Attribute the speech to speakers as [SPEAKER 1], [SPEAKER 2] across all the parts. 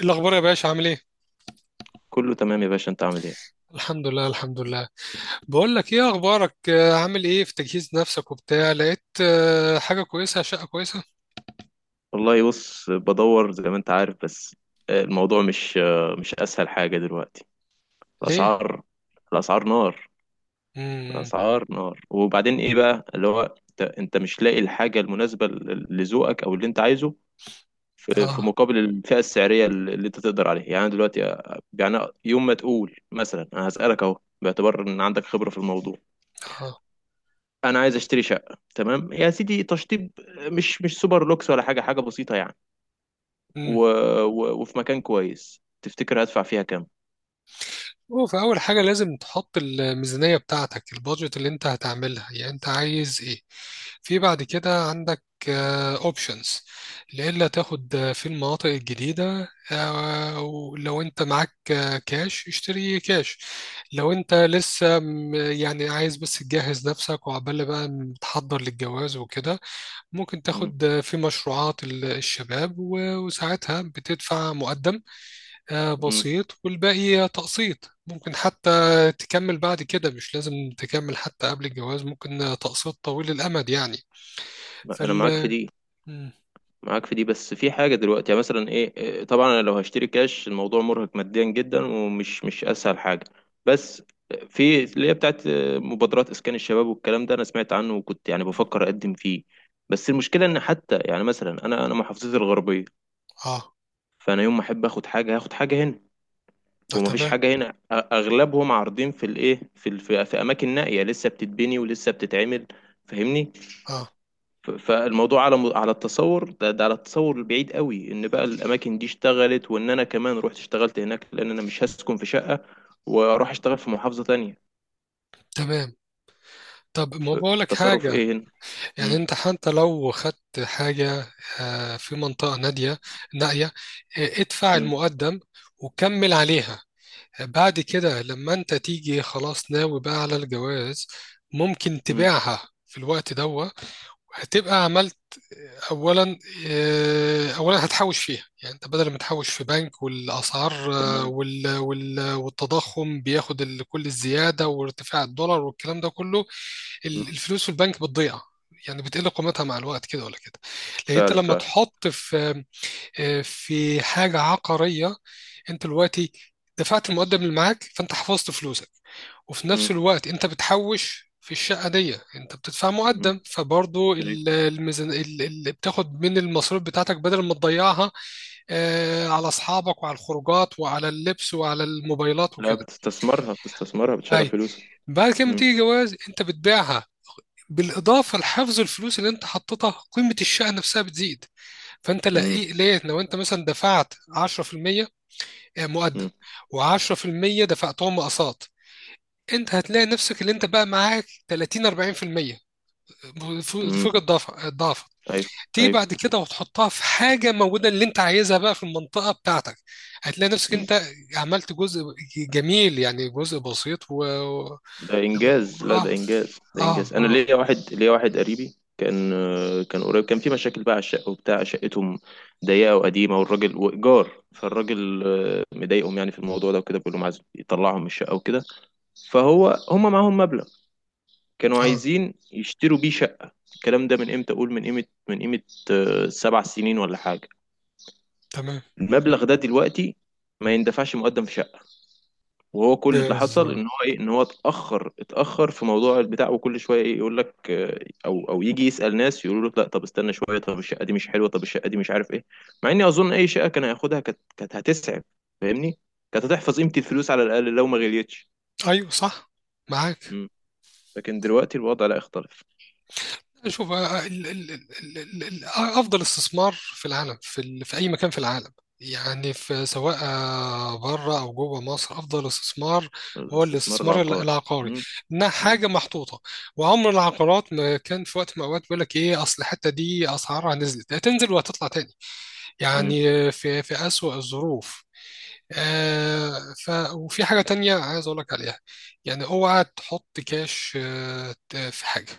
[SPEAKER 1] الأخبار يا باشا عامل إيه؟
[SPEAKER 2] كله تمام يا باشا، انت عامل ايه؟
[SPEAKER 1] الحمد لله، الحمد لله. بقول لك إيه أخبارك، عامل إيه في تجهيز نفسك وبتاع؟ لقيت حاجة كويسة، شقة كويسة؟
[SPEAKER 2] والله، بص، بدور زي ما انت عارف، بس. الموضوع مش اسهل حاجة دلوقتي.
[SPEAKER 1] ليه؟
[SPEAKER 2] الاسعار الاسعار نار.
[SPEAKER 1] امم.
[SPEAKER 2] الاسعار نار. وبعدين ايه بقى اللي هو انت مش لاقي الحاجة المناسبة لذوقك او اللي انت عايزه، في
[SPEAKER 1] آه،
[SPEAKER 2] مقابل الفئة السعرية اللي انت تقدر عليها، يعني انا دلوقتي، يعني. يوم ما تقول مثلا، انا هسألك اهو باعتبار ان عندك خبرة في الموضوع.
[SPEAKER 1] آه.
[SPEAKER 2] انا عايز اشتري شقة، تمام يا سيدي، تشطيب، مش سوبر لوكس ولا حاجة، حاجة بسيطة يعني. و... وفي مكان كويس، تفتكر هدفع فيها كام؟
[SPEAKER 1] هو في أول حاجة لازم تحط الميزانية بتاعتك، البادجت اللي أنت هتعملها، يعني أنت عايز إيه. في بعد كده عندك أوبشنز لإلا تاخد في المناطق الجديدة. ولو أنت معاك كاش، اشتري كاش. لو أنت لسه يعني عايز بس تجهز نفسك وعبال بقى تحضر للجواز وكده، ممكن
[SPEAKER 2] مم.
[SPEAKER 1] تاخد في مشروعات الشباب، وساعتها بتدفع مقدم
[SPEAKER 2] مم.
[SPEAKER 1] بسيط والباقي تقسيط. ممكن حتى تكمل بعد كده، مش لازم تكمل حتى قبل الجواز. ممكن تقسيط طويل الأمد يعني.
[SPEAKER 2] انا معاك في
[SPEAKER 1] فال
[SPEAKER 2] دي
[SPEAKER 1] مم.
[SPEAKER 2] معاك في دي بس، في حاجة دلوقتي يعني، مثلا ايه، طبعا انا لو هشتري كاش، الموضوع مرهق ماديا جدا، ومش مش اسهل حاجة. بس في اللي هي بتاعت مبادرات اسكان الشباب، والكلام ده انا سمعت عنه، وكنت يعني بفكر اقدم فيه. بس المشكلة ان حتى يعني، مثلا انا محافظتي الغربية.
[SPEAKER 1] اه.
[SPEAKER 2] فانا يوم ما احب اخد حاجة، هاخد حاجة هنا، ومفيش
[SPEAKER 1] تمام.
[SPEAKER 2] حاجة هنا. أغلبهم عارضين في الإيه، في ال- في في أماكن نائية لسه بتتبني ولسه بتتعمل، فاهمني؟
[SPEAKER 1] اه،
[SPEAKER 2] فالموضوع على على التصور ده، على التصور البعيد قوي، إن بقى الأماكن دي اشتغلت، وإن أنا كمان رحت اشتغلت هناك، لأن أنا مش هسكن في شقة وأروح أشتغل في محافظة تانية.
[SPEAKER 1] تمام. طب ما
[SPEAKER 2] في
[SPEAKER 1] بقولك
[SPEAKER 2] تصرف
[SPEAKER 1] حاجة.
[SPEAKER 2] إيه هنا؟ م-
[SPEAKER 1] يعني انت حتى لو خدت حاجة في منطقة نائية، ادفع
[SPEAKER 2] م-
[SPEAKER 1] المقدم وكمل عليها. بعد كده لما انت تيجي خلاص ناوي بقى على الجواز، ممكن
[SPEAKER 2] م-
[SPEAKER 1] تبيعها في الوقت ده. هتبقى عملت اولا، اولا هتحوش فيها. يعني انت بدل ما تحوش في بنك والاسعار
[SPEAKER 2] تمام.
[SPEAKER 1] والتضخم بياخد كل الزياده وارتفاع الدولار والكلام ده كله،
[SPEAKER 2] م-
[SPEAKER 1] الفلوس في البنك بتضيع، يعني بتقل قيمتها مع الوقت، كده ولا كده. لان انت
[SPEAKER 2] فعلا،
[SPEAKER 1] لما
[SPEAKER 2] فعلا.
[SPEAKER 1] تحط في في حاجة عقارية، انت دلوقتي دفعت المقدم اللي معاك، فانت حفظت فلوسك. وفي
[SPEAKER 2] م-
[SPEAKER 1] نفس الوقت انت بتحوش في الشقة دي، انت بتدفع
[SPEAKER 2] م-
[SPEAKER 1] مقدم فبرضو
[SPEAKER 2] أيوة.
[SPEAKER 1] الميزان اللي بتاخد من المصروف بتاعتك بدل ما تضيعها على اصحابك وعلى الخروجات وعلى اللبس وعلى الموبايلات
[SPEAKER 2] لا،
[SPEAKER 1] وكده.
[SPEAKER 2] بتستثمرها، بتستثمرها، بتشغل
[SPEAKER 1] اي.
[SPEAKER 2] فلوسك.
[SPEAKER 1] بعد كده لما
[SPEAKER 2] م-
[SPEAKER 1] تيجي جواز، انت بتبيعها. بالاضافه لحفظ الفلوس اللي انت حطيتها، قيمه الشقه نفسها بتزيد. فانت
[SPEAKER 2] م-
[SPEAKER 1] لقيت ليه؟ لو انت مثلا دفعت 10% مقدم
[SPEAKER 2] م-
[SPEAKER 1] و10% دفعتهم مقاصات، انت هتلاقي نفسك اللي انت بقى معاك 30 40%،
[SPEAKER 2] م-
[SPEAKER 1] فوق الضعف، الضعف.
[SPEAKER 2] أيوة،
[SPEAKER 1] تيجي بعد كده وتحطها في حاجه موجوده اللي انت عايزها بقى في المنطقه بتاعتك، هتلاقي نفسك
[SPEAKER 2] أيوة.
[SPEAKER 1] انت عملت جزء جميل، يعني جزء بسيط
[SPEAKER 2] ده انجاز، لا
[SPEAKER 1] اه،
[SPEAKER 2] ده انجاز، ده
[SPEAKER 1] اه،
[SPEAKER 2] انجاز. انا
[SPEAKER 1] اه،
[SPEAKER 2] ليا واحد، قريبي، كان قريب، كان في مشاكل بقى على الشقه وبتاع. شقتهم ضيقه وقديمه، والراجل، وايجار، فالراجل مضايقهم يعني في الموضوع ده وكده، بيقول لهم عايز يطلعهم من الشقه وكده. هم معاهم مبلغ، كانوا
[SPEAKER 1] اه.
[SPEAKER 2] عايزين يشتروا بيه شقه. الكلام ده من امتى؟ اقول من قيمه، 7 سنين ولا حاجه.
[SPEAKER 1] تمام.
[SPEAKER 2] المبلغ ده دلوقتي ما يندفعش مقدم في شقه. وهو كل اللي حصل، ان
[SPEAKER 1] بالظبط.
[SPEAKER 2] هو ايه، ان هو اتاخر في موضوع البتاع، وكل شويه ايه يقول لك او يجي يسال ناس، يقولوا له لا، طب استنى شويه، طب الشقه دي مش حلوه، طب الشقه دي مش عارف ايه. مع اني اظن اي شقه كان هياخدها، كانت هتسعف، فاهمني؟ كانت هتحفظ قيمه الفلوس على الاقل، لو ما غليتش.
[SPEAKER 1] ايوه، صح. معاك.
[SPEAKER 2] مم. لكن دلوقتي الوضع لا يختلف.
[SPEAKER 1] شوف، افضل استثمار في العالم، في في اي مكان في العالم، يعني في سواء بره او جوه مصر، افضل استثمار هو
[SPEAKER 2] الاستثمار
[SPEAKER 1] الاستثمار
[SPEAKER 2] العقاري.
[SPEAKER 1] العقاري.
[SPEAKER 2] مم.
[SPEAKER 1] انها
[SPEAKER 2] مم.
[SPEAKER 1] حاجه محطوطه، وعمر العقارات ما كان في وقت من الاوقات بيقول لك ايه، اصل الحته دي اسعارها نزلت، هتنزل وهتطلع تاني
[SPEAKER 2] مم.
[SPEAKER 1] يعني، في في اسوأ الظروف. آه. ف وفي حاجه تانية عايز اقول لك عليها. يعني اوعى تحط كاش في حاجه،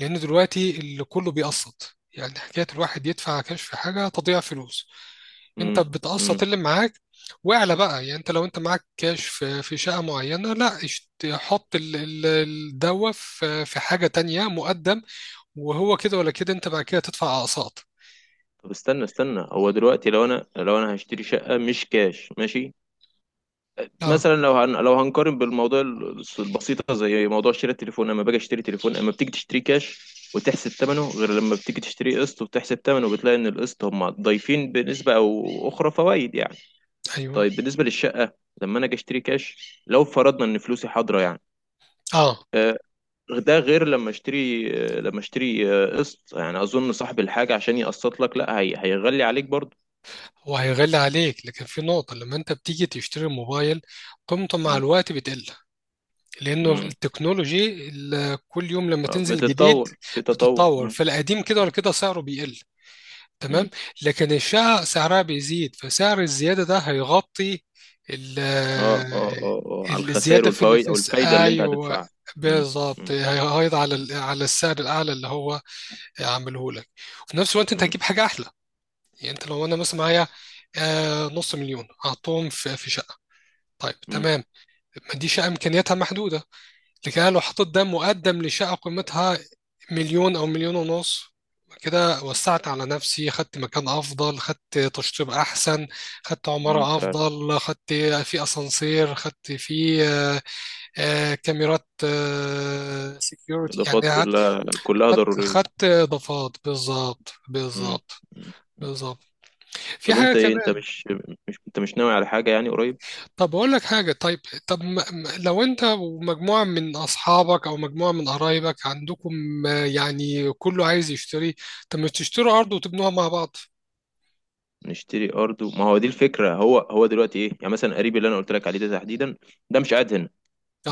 [SPEAKER 1] لأن دلوقتي اللي كله بيقسط. يعني حكاية الواحد يدفع كاش في حاجة تضيع فلوس. أنت
[SPEAKER 2] مم. مم.
[SPEAKER 1] بتقسط اللي معاك واعلى بقى. يعني أنت لو أنت معاك كاش في في شقة معينة، لا حط الدوا في في حاجة تانية مقدم، وهو كده ولا كده أنت بعد كده تدفع أقساط.
[SPEAKER 2] طب استنى، هو دلوقتي لو انا، هشتري شقه مش كاش، ماشي،
[SPEAKER 1] أه.
[SPEAKER 2] مثلا لو هنقارن بالموضوع البسيطه، زي موضوع شراء التليفون. لما باجي اشتري تليفون، اما بتيجي تشتري كاش وتحسب ثمنه، غير لما بتيجي تشتري قسط وتحسب ثمنه، بتلاقي ان القسط هم ضايفين بنسبه او اخرى فوائد يعني.
[SPEAKER 1] أيوه.
[SPEAKER 2] طيب بالنسبه للشقه، لما انا اجي اشتري كاش، لو فرضنا ان فلوسي حاضره يعني،
[SPEAKER 1] أه،
[SPEAKER 2] آه، ده غير لما اشتري، قسط. يعني اظن صاحب الحاجه عشان يقسط لك، لا، هيغلي عليك برضه.
[SPEAKER 1] هو هيغلي عليك، لكن في نقطة. لما أنت بتيجي تشتري موبايل، قيمته مع
[SPEAKER 2] م-
[SPEAKER 1] الوقت بتقل، لانه
[SPEAKER 2] م.
[SPEAKER 1] التكنولوجي كل يوم لما تنزل جديد
[SPEAKER 2] بتتطور، في تطور.
[SPEAKER 1] بتتطور، فالقديم كده ولا كده سعره بيقل.
[SPEAKER 2] م.
[SPEAKER 1] تمام. لكن الشقق سعرها بيزيد، فسعر الزياده ده هيغطي ال
[SPEAKER 2] اه، اه، اه، اه، على الخسائر
[SPEAKER 1] الزياده في
[SPEAKER 2] والفوائد، او الفايدة اللي انت
[SPEAKER 1] ايوه،
[SPEAKER 2] هتدفعها. مم،
[SPEAKER 1] بالظبط،
[SPEAKER 2] مم،
[SPEAKER 1] هيغيض على على السعر الاعلى اللي هو عامله لك. وفي نفس الوقت انت
[SPEAKER 2] مم،
[SPEAKER 1] هتجيب حاجه احلى. يعني انت، لو انا مثلا معايا نص مليون، هحطهم في في شقه، طيب
[SPEAKER 2] مم،
[SPEAKER 1] تمام، ما دي شقه امكانياتها محدوده. لكده لو حطيت ده مقدم لشقة قيمتها مليون أو مليون ونص، كده وسعت على نفسي، خدت مكان أفضل، خدت تشطيب أحسن، خدت
[SPEAKER 2] مم،
[SPEAKER 1] عمارة
[SPEAKER 2] فعلا.
[SPEAKER 1] أفضل، خدت في أسانسير، خدت في كاميرات سيكيورتي، يعني
[SPEAKER 2] الاضافات
[SPEAKER 1] خدت،
[SPEAKER 2] كلها، كلها
[SPEAKER 1] خدت،
[SPEAKER 2] ضرورية.
[SPEAKER 1] إضافات. بالظبط،
[SPEAKER 2] مم،
[SPEAKER 1] بالظبط،
[SPEAKER 2] مم.
[SPEAKER 1] بالظبط. في
[SPEAKER 2] طب
[SPEAKER 1] حاجة
[SPEAKER 2] انت ايه،
[SPEAKER 1] كمان.
[SPEAKER 2] انت مش ناوي على حاجة يعني، قريب؟
[SPEAKER 1] طب أقول لك حاجة. طيب، طب لو أنت ومجموعة من أصحابك أو مجموعة من قرايبك عندكم يعني كله عايز يشتري، طب ما تشتروا أرض وتبنوها مع بعض.
[SPEAKER 2] نشتري ارض ما هو دي الفكرة. هو دلوقتي ايه يعني، مثلا قريبي اللي انا قلت لك عليه ده تحديدا، ده مش قاعد هنا، ده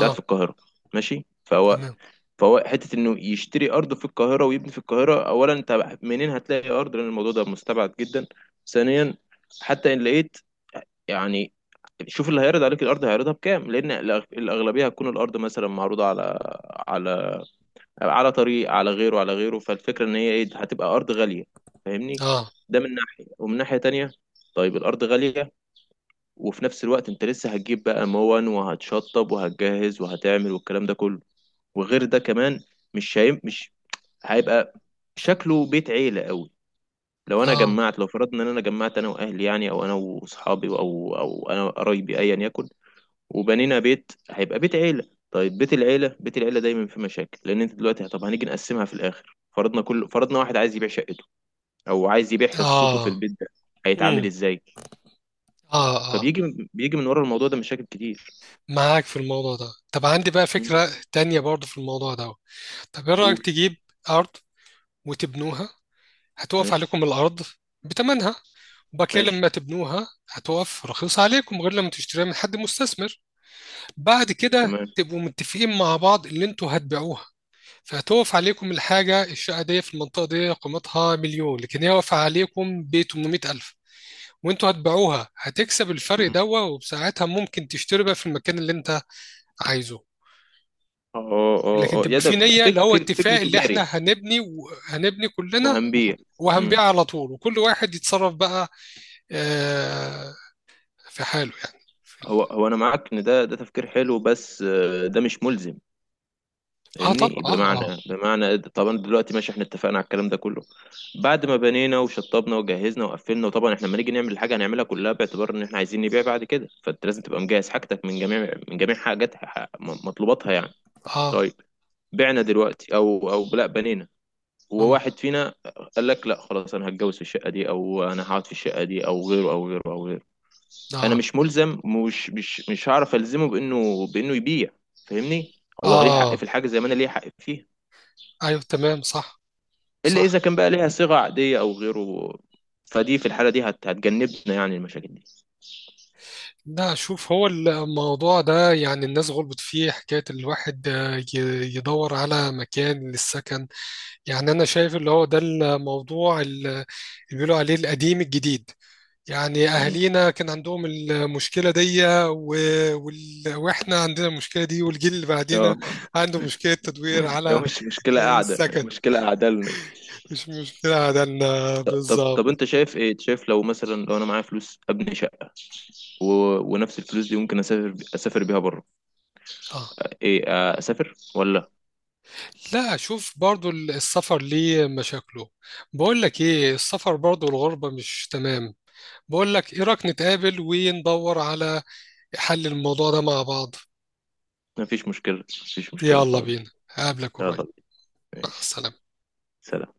[SPEAKER 2] قاعد في القاهرة، ماشي. فهو
[SPEAKER 1] تمام.
[SPEAKER 2] فهو حتة انه يشتري ارض في القاهرة ويبني في القاهرة، اولا انت منين هتلاقي ارض؟ لان الموضوع ده مستبعد جدا. ثانيا، حتى ان لقيت يعني، شوف اللي هيعرض عليك الارض هيعرضها بكام، لان الاغلبيه هتكون الارض مثلا معروضه على على طريق، على غيره، فالفكره ان هي ايه، هتبقى ارض غاليه، فاهمني؟
[SPEAKER 1] أه،
[SPEAKER 2] ده من ناحيه، ومن ناحيه تانية، طيب الارض غاليه، وفي نفس الوقت انت لسه هتجيب بقى موان، وهتشطب، وهتجهز، وهتعمل، والكلام ده كله. وغير ده كمان، مش هيبقى شكله بيت عيله قوي.
[SPEAKER 1] أه،
[SPEAKER 2] لو فرضنا ان انا جمعت انا واهلي يعني، او انا واصحابي، او انا قرايبي، ايا يكن، وبنينا بيت، هيبقى بيت عيلة. طيب بيت العيلة، دايما في مشاكل، لأن أنت دلوقتي، طب هنيجي نقسمها في الآخر، فرضنا واحد عايز يبيع شقته، أو عايز يبيع حصته في
[SPEAKER 1] أه.
[SPEAKER 2] البيت ده، هيتعامل
[SPEAKER 1] مم.
[SPEAKER 2] إزاي؟
[SPEAKER 1] أه، أه،
[SPEAKER 2] فبيجي بيجي من ورا الموضوع ده مشاكل كتير.
[SPEAKER 1] معاك في الموضوع ده. طب عندي بقى
[SPEAKER 2] مم.
[SPEAKER 1] فكرة تانية برضه في الموضوع ده. طب إيه رأيك
[SPEAKER 2] قول.
[SPEAKER 1] تجيب أرض وتبنوها؟ هتقف
[SPEAKER 2] ماشي،
[SPEAKER 1] عليكم الأرض بتمنها، وبعد كده
[SPEAKER 2] ماشي،
[SPEAKER 1] لما تبنوها هتقف رخيصة عليكم، غير لما تشتريها من حد مستثمر. بعد كده
[SPEAKER 2] تمام.
[SPEAKER 1] تبقوا متفقين مع بعض اللي انتوا هتبيعوها، فهتقف عليكم الحاجة، الشقة دي في المنطقة دي قيمتها مليون لكن هي واقفة عليكم ب 800 ألف، وانتوا هتبيعوها هتكسب الفرق
[SPEAKER 2] مم.
[SPEAKER 1] دوا، وبساعتها ممكن تشتري بقى في المكان اللي انت عايزه.
[SPEAKER 2] اه، اه،
[SPEAKER 1] لكن
[SPEAKER 2] اه، آه. يا،
[SPEAKER 1] تبقى
[SPEAKER 2] ده
[SPEAKER 1] في
[SPEAKER 2] ده
[SPEAKER 1] نية،
[SPEAKER 2] فك
[SPEAKER 1] اللي هو
[SPEAKER 2] فك فكر
[SPEAKER 1] اتفاق، اللي
[SPEAKER 2] تجاري
[SPEAKER 1] احنا
[SPEAKER 2] يعني،
[SPEAKER 1] هنبني، وهنبني كلنا
[SPEAKER 2] وهنبيع. مم.
[SPEAKER 1] وهنبيع على طول، وكل واحد يتصرف بقى آه في حاله يعني.
[SPEAKER 2] هو أنا معاك إن ده، تفكير حلو، بس ده مش ملزم،
[SPEAKER 1] اه، طبعا،
[SPEAKER 2] فاهمني؟
[SPEAKER 1] اه،
[SPEAKER 2] بمعنى،
[SPEAKER 1] اه،
[SPEAKER 2] طبعا دلوقتي ماشي، احنا اتفقنا على الكلام ده كله، بعد ما بنينا وشطبنا وجهزنا وقفلنا. وطبعا احنا لما نيجي نعمل الحاجه، هنعملها كلها باعتبار ان احنا عايزين نبيع بعد كده. فانت لازم تبقى مجهز حاجتك من جميع، حاجات مطلوباتها يعني.
[SPEAKER 1] اه.
[SPEAKER 2] طيب، بعنا دلوقتي، او لا، بنينا،
[SPEAKER 1] أم،
[SPEAKER 2] وواحد فينا قال لك لا خلاص، انا هتجوز في الشقه دي، او انا هقعد في الشقه دي، او غيره، او غيره، او غيره. انا
[SPEAKER 1] اه،
[SPEAKER 2] مش ملزم، مش مش مش هعرف الزمه بانه، يبيع، فاهمني؟ هو ليه حق في
[SPEAKER 1] اه.
[SPEAKER 2] الحاجه زي ما انا ليه حق فيها،
[SPEAKER 1] ايوه، تمام، صح،
[SPEAKER 2] الا اذا
[SPEAKER 1] صح.
[SPEAKER 2] كان بقى ليها صيغه عاديه او غيره، فدي في الحاله دي هتجنبنا يعني المشاكل دي.
[SPEAKER 1] لا شوف، هو الموضوع ده يعني الناس غلطت فيه، حكاية الواحد يدور على مكان للسكن. يعني أنا شايف اللي هو ده الموضوع اللي بيقولوا عليه القديم الجديد، يعني
[SPEAKER 2] مم.
[SPEAKER 1] أهالينا كان عندهم المشكلة دي وإحنا عندنا المشكلة دي، والجيل اللي بعدينا
[SPEAKER 2] اه.
[SPEAKER 1] عنده مشكلة تدوير
[SPEAKER 2] هي
[SPEAKER 1] على
[SPEAKER 2] مش مشكله قاعده، هي
[SPEAKER 1] السكن،
[SPEAKER 2] مشكله قاعده لنا.
[SPEAKER 1] مش مشكلة عندنا
[SPEAKER 2] طب،
[SPEAKER 1] بالظبط.
[SPEAKER 2] انت شايف، لو مثلا، لو انا معايا فلوس ابني شقه، و... ونفس الفلوس دي ممكن اسافر، اسافر بيها بره،
[SPEAKER 1] آه.
[SPEAKER 2] ايه اسافر ولا؟
[SPEAKER 1] لا شوف، برضو السفر ليه مشاكله. بقول لك ايه، السفر برضو الغربة مش تمام. بقول لك ايه رأيك نتقابل وندور على حل الموضوع ده مع بعض؟
[SPEAKER 2] مفيش مشكله، مفيش مشكله
[SPEAKER 1] يلا
[SPEAKER 2] خالص.
[SPEAKER 1] بينا، هقابلك قريب.
[SPEAKER 2] يلا.
[SPEAKER 1] مع
[SPEAKER 2] ماشي.
[SPEAKER 1] السلامة.
[SPEAKER 2] سلام.